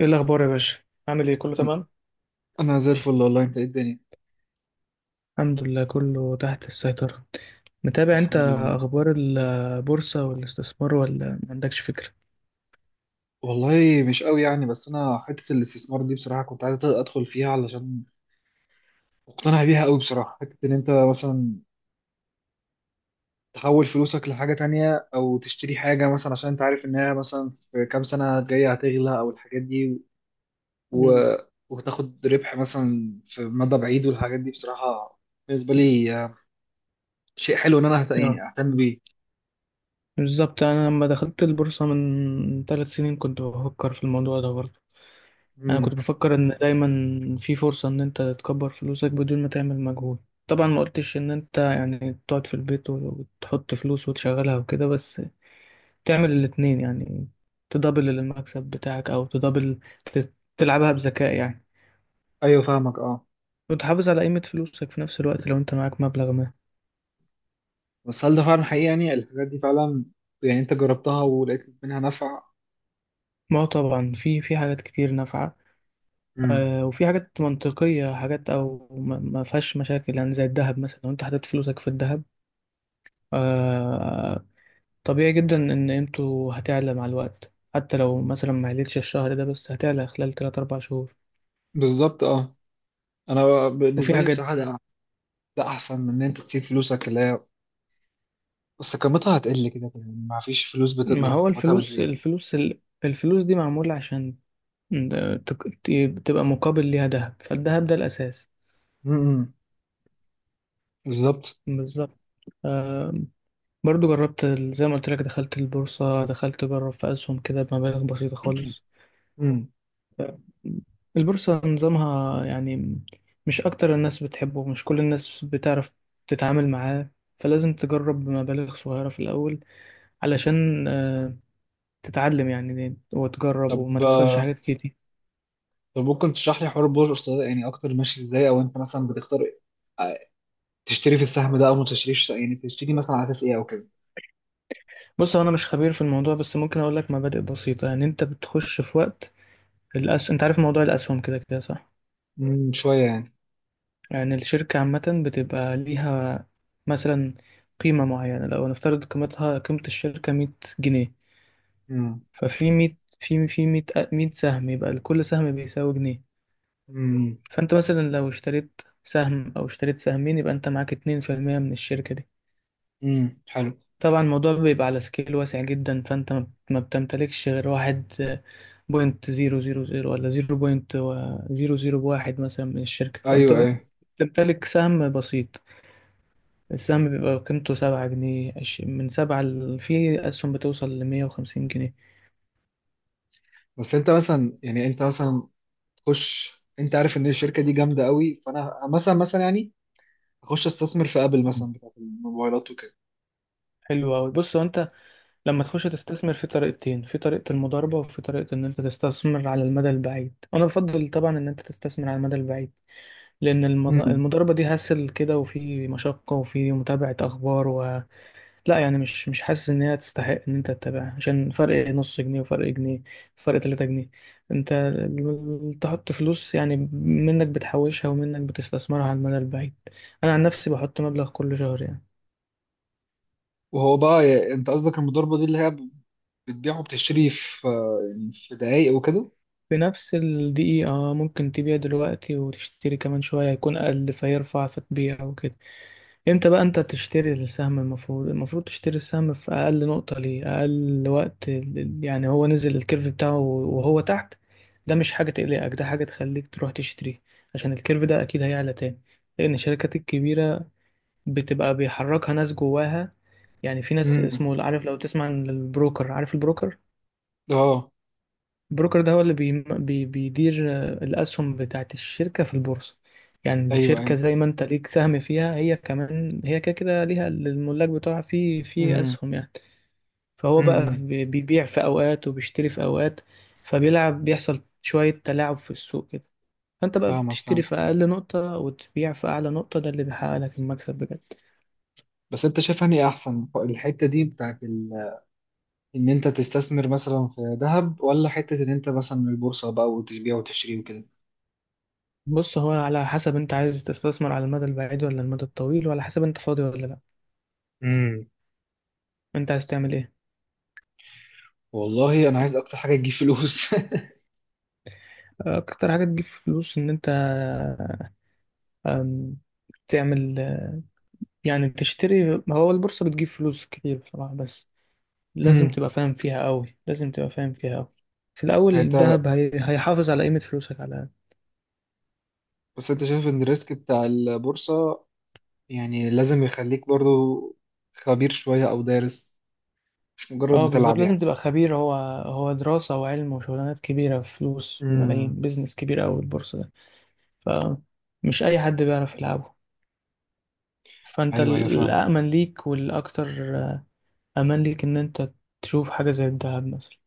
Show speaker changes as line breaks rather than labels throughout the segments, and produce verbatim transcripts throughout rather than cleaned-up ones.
ايه الاخبار يا باشا؟ عامل ايه؟ كله
أن-
تمام؟
انا زي الفل والله، انت ايه الدنيا؟
الحمد لله، كله تحت السيطرة. متابع انت
الحمد لله.
اخبار البورصة والاستثمار ولا ما عندكش فكرة؟
والله مش قوي يعني، بس انا حته الاستثمار دي بصراحه كنت عايز ادخل فيها علشان مقتنع بيها قوي بصراحه. حته ان انت مثلا تحول فلوسك لحاجه تانية او تشتري حاجه مثلا، عشان انت عارف انها مثلا في كام سنه جايه هتغلى، او الحاجات دي و...
مم.
وتاخد ربح مثلا في مدى بعيد، والحاجات دي بصراحه بالنسبه لي آه، شيء حلو ان انا هت...
اه،
يعني اهتم بيه.
بالظبط. انا لما دخلت البورصة من ثلاث سنين كنت بفكر في الموضوع ده برضه. انا كنت
امم.
بفكر ان دايما في فرصة ان انت تكبر فلوسك بدون ما تعمل مجهود. طبعا ما قلتش ان انت يعني تقعد في البيت وتحط فلوس وتشغلها وكده، بس تعمل الاتنين يعني. تدبل المكسب بتاعك او تدبل، ت- تلعبها بذكاء يعني.
ايوه، فاهمك. اه.
وتحافظ على قيمة فلوسك في نفس الوقت لو انت معاك مبلغ ما.
بس هل ده فعلا حقيقي؟ يعني الحاجات دي فعلا، يعني انت جربتها ولقيت منها نفع؟
ما هو طبعا في في حاجات كتير نافعة.
امم.
آه، وفي حاجات منطقية، حاجات او ما ما فيهاش مشاكل يعني، زي الذهب مثلا. لو انت حطيت فلوسك في الذهب، آه، طبيعي جدا ان قيمته هتعلى مع الوقت، حتى لو مثلا ما عليتش الشهر ده، بس هتعلى خلال ثلاثة اربع شهور.
بالظبط، اه. انا
وفي
بالنسبه لي
حاجات،
بصراحه ده ده احسن من ان انت تسيب فلوسك اللي هي بس قيمتها هتقل كده كده، يعني ما فيش فلوس بت...
ما
يعني
هو
قيمتها
الفلوس
بتزيد.
الفلوس ال- الفلوس دي معمولة عشان إن تك- ت- تبقى مقابل ليها دهب، فالدهب ده الأساس.
امم. بالظبط.
بالظبط. آم، برضو جربت ال- زي ما قلت لك، دخلت البورصة، دخلت أجرب في أسهم كده بمبالغ بسيطة خالص.
امم.
آم، البورصة نظامها يعني مش أكتر الناس بتحبه، مش كل الناس بتعرف تتعامل معاه، فلازم تجرب بمبالغ صغيرة في الأول، علشان آه، تتعلم يعني وتجرب وما
طب
تخسرش
آه،
حاجات كتير.
طب ممكن تشرح لي حوار البورصه ده يعني اكتر، ماشي ازاي؟ او انت مثلا بتختار آه، تشتري في السهم ده او ما تشتريش، يعني تشتري مثلا على اساس ايه او كده؟
بص، هو أنا مش خبير في الموضوع، بس ممكن أقول لك مبادئ بسيطة. يعني أنت بتخش في وقت الأس... أنت عارف موضوع الأسهم كده كده صح؟
امم، شويه يعني.
يعني الشركة عامة بتبقى ليها مثلا قيمة معينة. لو نفترض قيمتها، قيمة الشركة، مية جنيه،
امم.
ففي مية، في في مية، مية سهم، يبقى لكل سهم بيساوي جنيه.
امم.
فأنت مثلا لو اشتريت سهم أو اشتريت سهمين، يبقى أنت معاك اتنين في المية من الشركة دي.
امم. حلو.
طبعا الموضوع بيبقى على سكيل واسع جدا، فانت ما ما بتمتلكش غير واحد بوينت زيرو زيرو زيرو، ولا زيرو بوينت زيرو زيرو واحد مثلا من الشركة، فانت
ايوه، ايوه،
بتمتلك سهم بسيط. السهم بيبقى قيمته سبعة جنيه، عش- من سبعة ل- في أسهم بتوصل لمية وخمسين جنيه.
بس انت مثلا يعني انت مثلا تخش. انت عارف ان الشركه دي جامده قوي، فانا مثلا مثلا يعني اخش استثمر في ابل
مم.
مثلا بتاعت الموبايلات وكده.
حلو أوي. بص، هو أنت لما تخش تستثمر، في طريقتين، في طريقة المضاربة وفي طريقة إن أنت تستثمر على المدى البعيد. أنا بفضل طبعا إن أنت تستثمر على المدى البعيد، لأن المض-
مم.
المضاربة دي هسل كده، وفي مشقة وفي متابعة أخبار و... لا يعني مش مش حاسس إن هي تستحق إن أنت تتابعها عشان فرق نص جنيه وفرق جنيه، فرق تلاتة جنيه. أنت ال- تحط فلوس، يعني منك بتحوشها ومنك بتستثمرها على المدى البعيد. أنا عن نفسي بحط مبلغ كل شهر يعني.
وهو بقى ي- انت قصدك المضاربه دي اللي هي بتبيع وبتشتري في، يعني في دقايق وكده؟
في نفس الدقيقة، آه، ممكن تبيع دلوقتي وتشتري كمان شوية، هيكون أقل فيرفع فتبيع وكده. امتى بقى انت تشتري السهم؟ المفروض المفروض تشتري السهم في أقل نقطة ليه، أقل وقت ال- يعني هو نزل الكيرف بتاعه وهو تحت. ده مش حاجة تقلقك، ده حاجة تخليك تروح تشتريه، عشان الكيرف ده أكيد هيعلى تاني. لأن الشركات الكبيرة بتبقى بيحركها ناس جواها، يعني في ناس
مم.
اسمه، عارف لو تسمع عن البروكر، عارف البروكر؟
اه.
البروكر ده هو اللي بي بي بيدير، آه، الأسهم بتاعت الشركة في البورصة. يعني
ايوه،
الشركة
ايوه.
زي ما أنت ليك سهم فيها، هي كمان هي كده كده ليها الملاك بتوعها في في
مم.
أسهم يعني. فهو بقى
مم.
بي- بيبيع في أوقات وبيشتري في أوقات، فبيلعب، بيحصل شوية تلاعب في السوق كده. فأنت بقى
فاهمك،
بتشتري
فاهم.
في أقل نقطة وتبيع في أعلى نقطة، ده اللي بيحقق لك المكسب بجد.
بس انت شايف انهي احسن؟ الحته دي بتاعت ال... ان انت تستثمر مثلا في ذهب، ولا حته ان انت مثلا من البورصه بقى وتبيع وتشتري
بص، هو على حسب أنت عايز تستثمر على المدى البعيد ولا المدى الطويل، وعلى حسب أنت فاضي ولا لأ.
وكده؟
أنت عايز تعمل إيه؟
والله انا عايز اكتر حاجه تجيب فلوس.
اكتر حاجه تجيب فلوس؟ ان انت، أم، تعمل، يعني تشتري، هو البورصه بتجيب فلوس كتير بصراحه، بس لازم
امم.
تبقى فاهم فيها قوي، لازم تبقى فاهم فيها قوي. في الاول
انت
الذهب هي... هيحافظ على قيمه فلوسك على الأقل.
بس انت شايف ان الريسك بتاع البورصه يعني لازم يخليك برضو خبير شويه او دارس، مش مجرد
اه، بالظبط،
بتلعب
لازم
يعني؟
تبقى خبير. هو هو دراسه وعلم وشغلانات كبيره، فلوس
امم.
بملايين، بيزنس كبير قوي البورصه ده، فمش اي حد بيعرف يلعبه. فانت
ايوه،
ال-
ايوه، فاهمك.
الامن ليك والاكتر، آه، امان ليك، ان انت تشوف حاجه زي الذهب مثلا.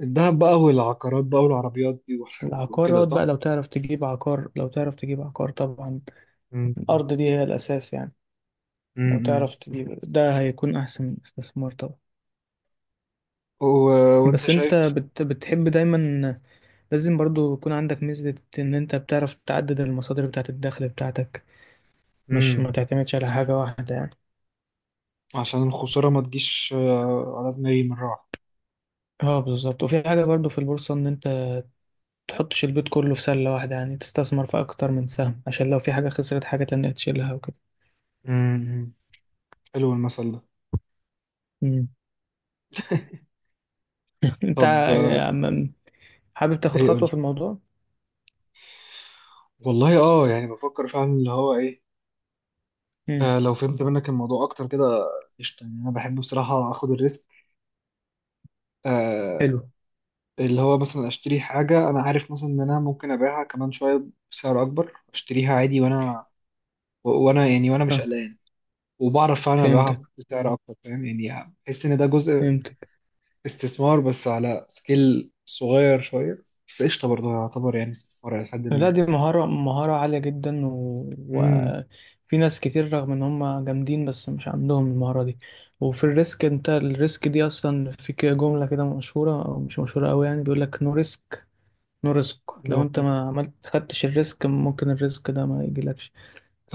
الذهب بقى، والعقارات بقى، والعربيات دي والحاجات وكده،
العقارات
صح؟
بقى لو تعرف تجيب عقار، لو تعرف تجيب عقار طبعا،
امم.
الأرض دي هي الأساس يعني، لو
امم.
تعرف تجيب ده، هيكون أحسن استثمار طبعا.
و... وانت
بس أنت
شايف؟
بت بتحب دايما، لازم برضو يكون عندك ميزة إن أنت بتعرف تعدد المصادر بتاعة الدخل بتاعتك، مش ما
امم.
تعتمدش على حاجة واحدة يعني.
عشان الخساره ما تجيش آه، على دماغي من راحه.
اه، بالظبط. وفي حاجة برضو في البورصة، إن أنت تحطش البيت كله في سلة واحدة، يعني تستثمر في أكتر من سهم، عشان لو في حاجة خسرت، حاجة تانية تشيلها وكده.
امم، حلو المثل ده.
مم. أنت
طب آه،
ع- حابب تاخد
ايه
خطوة
قول.
في الموضوع؟
والله، اه، يعني بفكر فعلا اللي هو ايه. آه، لو فهمت منك الموضوع اكتر كده، قشطه يعني. انا بحب بصراحه اخد الريسك. آه.
حلو.
اللي هو مثلا اشتري حاجه، انا عارف مثلا ان انا ممكن ابيعها كمان شويه بسعر اكبر، اشتريها عادي وانا و- وانا يعني وانا مش
فاهم-
قلقان، وبعرف فعلا
فهمتك،
ابيعها بسعر اكتر، فاهم؟ يعني بحس ان ده جزء
فهمتك.
استثمار، بس على سكيل صغير شويه، بس قشطه برضه يعتبر يعني استثمار الى حد
لا،
ما.
دي مهارة مهارة عالية جدا و...
امم.
وفي ناس كتير رغم ان هم جامدين، بس مش عندهم المهارة دي. وفي الريسك، انت الريسك دي اصلا، في كده جملة كده مشهورة او مش مشهورة قوي يعني، بيقول لك نو ريسك، نو ريسك. لو انت
المفروض-
ما عملت خدتش الريسك، ممكن الريسك ده ما يجيلكش.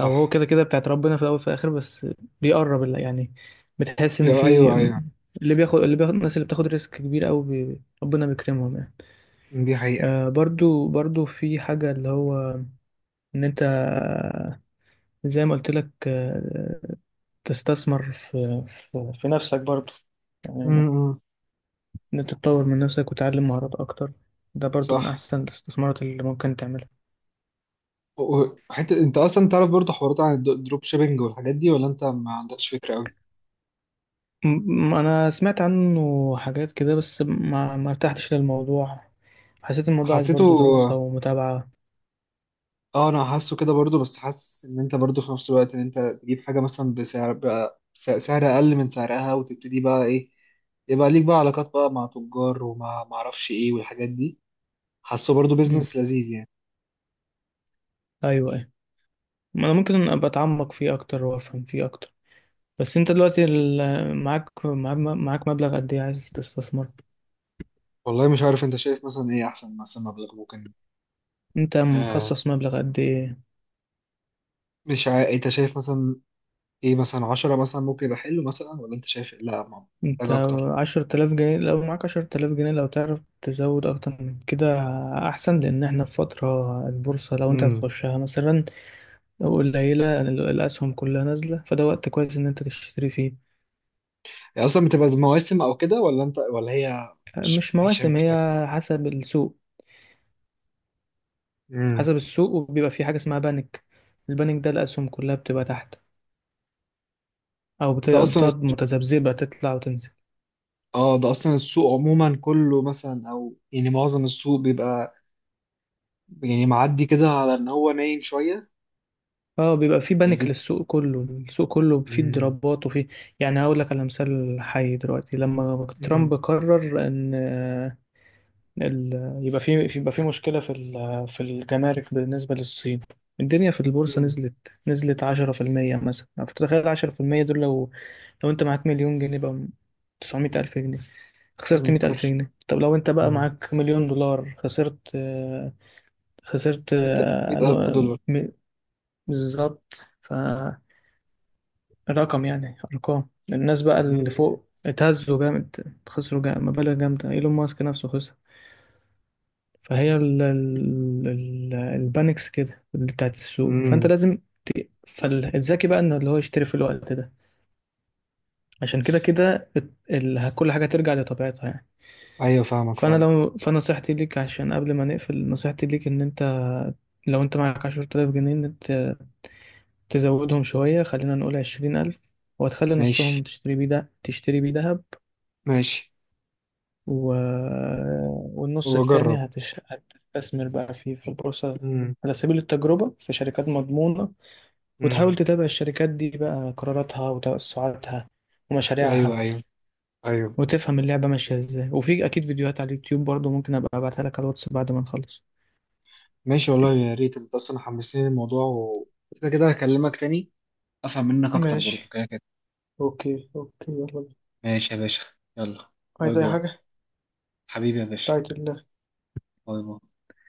او هو كده كده بتاعت ربنا، في الاول وفي الاخر، بس بيقرب، اللي يعني، بتحس ان
ايوه،
في،
ايوه،
اللي بياخد اللي بياخد الناس اللي بتاخد ريسك كبير قوي، بي... ربنا بيكرمهم يعني.
دي حقيقه.
آه، برضو برضو في حاجة، اللي هو إن أنت، آه، زي ما قلت لك، آه، تستثمر في, في, في نفسك برضو يعني. ما-
امم.
إن أنت تطور من نفسك وتعلم مهارات أكتر، ده برضو من
صح.
أحسن الاستثمارات اللي ممكن تعملها.
حتى انت اصلا تعرف برضه حوارات عن الدروب شيبينج والحاجات دي، ولا انت ما عندكش فكره قوي؟
م- م- أنا سمعت عنه حاجات كده، بس ما ما ارتحتش للموضوع، حسيت الموضوع عايز
حسيته.
برضو دراسة ومتابعة.
اه، انا حاسه كده برضه، بس حاسس ان انت برضه في نفس الوقت ان انت تجيب حاجه مثلا بسعر بقى س- سعر اقل من سعرها، وتبتدي بقى ايه، يبقى ليك بقى علاقات بقى مع تجار ومع ما اعرفش ايه والحاجات دي. حاسه برضه
مم.
بيزنس لذيذ يعني.
أيوة، أيوة. أنا ممكن أبقى أتعمق فيه أكتر وأفهم فيه أكتر. بس انت دلوقتي ال- معاك معاك معاك مبلغ قد ايه عايز تستثمر؟
والله مش عارف، انت شايف مثلا ايه احسن مثلا مبلغ ممكن؟
انت
آه
مخصص مبلغ قد ايه؟
مش عارف انت شايف مثلا ايه؟ مثلا عشرة مثلا ممكن يبقى حلو مثلا، ولا انت شايف إيه؟ لا، محتاج
انت
اكتر؟
عشرة آلاف جنيه، لو معاك عشرة آلاف جنيه، لو تعرف تزود اكتر من كده احسن، لان احنا في فترة البورصة، لو انت هتخشها مثلا قليلة، ال- الاسهم كلها نازلة، فده وقت كويس ان انت تشتري فيه.
هي اصلا بتبقى زي مواسم او كده؟ ولا انت، ولا هي. مش
مش
مش
مواسم،
مش أكتر؟
هي حسب السوق،
امم.
حسب السوق. وبيبقى في حاجة اسمها بانك، البانك ده الاسهم كلها بتبقى تحت، او بت-
ده اصلا
بتقعد
السوق-
متذبذبة، تطلع وتنزل.
اه، ده اصلا السوق عموما كله مثلا، او يعني معظم السوق بيبقى يعني معدي كده على ان هو نايم شويه.
اه، بيبقى في
يعني
بانيك
دي
للسوق كله، السوق كله فيه
امم.
ضربات وفيه، يعني هقول لك على مثال حي دلوقتي، لما
امم.
ترامب قرر ان آه، ال... يبقى في، يبقى في مشكلة في ال... في الجمارك بالنسبة للصين، الدنيا في البورصة
امم.
نزلت، نزلت عشرة في المية مثلا، فتخيل عشرة في المية دول، لو لو انت معاك مليون جنيه بقى، تسعمائة ألف جنيه، خسرت
أمم،
مئة ألف
كارثه.
جنيه. طب لو انت بقى
امم.
معاك مليون دولار، خسرت، آه، خسرت، آه،
100000
نوع-
دولار
م- بالظبط. ف رقم يعني، ارقام، الناس بقى اللي
امم.
فوق اتهزوا جامد، خسروا جامد مبالغ جامده، ايلون ماسك نفسه خسر. فهي ال ال ال البانكس كده اللي بتاعت السوق، فانت
امم.
لازم، فالذكي بقى انه اللي هو يشتري في الوقت ده، عشان كده كده ال- ال- كل حاجه ترجع لطبيعتها يعني.
ايوه، فاهمك،
فانا
فاهم.
لو فنصيحتي ليك، عشان قبل ما نقفل، نصيحتي ليك ان انت، لو انت معاك عشرة آلاف جنيه، ان انت تزودهم شويه، خلينا نقول عشرين ألف، وتخلي
ماشي.
نصهم تشتري بيه، ده تشتري بيه دهب،
ماشي.
و... والنص
واجرب.
التاني هتش... هتستثمر بقى فيه في البورصة
امم.
على سبيل التجربة في شركات مضمونة، وتحاول
امم.
تتابع الشركات دي بقى، قراراتها وتوسعاتها
ايوه،
ومشاريعها،
ايوه، ايوه.
وتفهم اللعبة ماشية ازاي. وفي أكيد فيديوهات على اليوتيوب برضو، ممكن أبقى أبعتها لك على الواتس بعد ما نخلص.
ماشي، والله يا ريت. انت اصلا حمسني الموضوع، وكده كده هكلمك تاني. افهم منك اكتر برضو
ماشي.
كده كده.
اوكي، اوكي، يلا بينا.
ماشي يا باشا. يلا. باي
عايز اي
باي.
حاجة؟
حبيبي يا باشا.
رايت الله.
باي باي.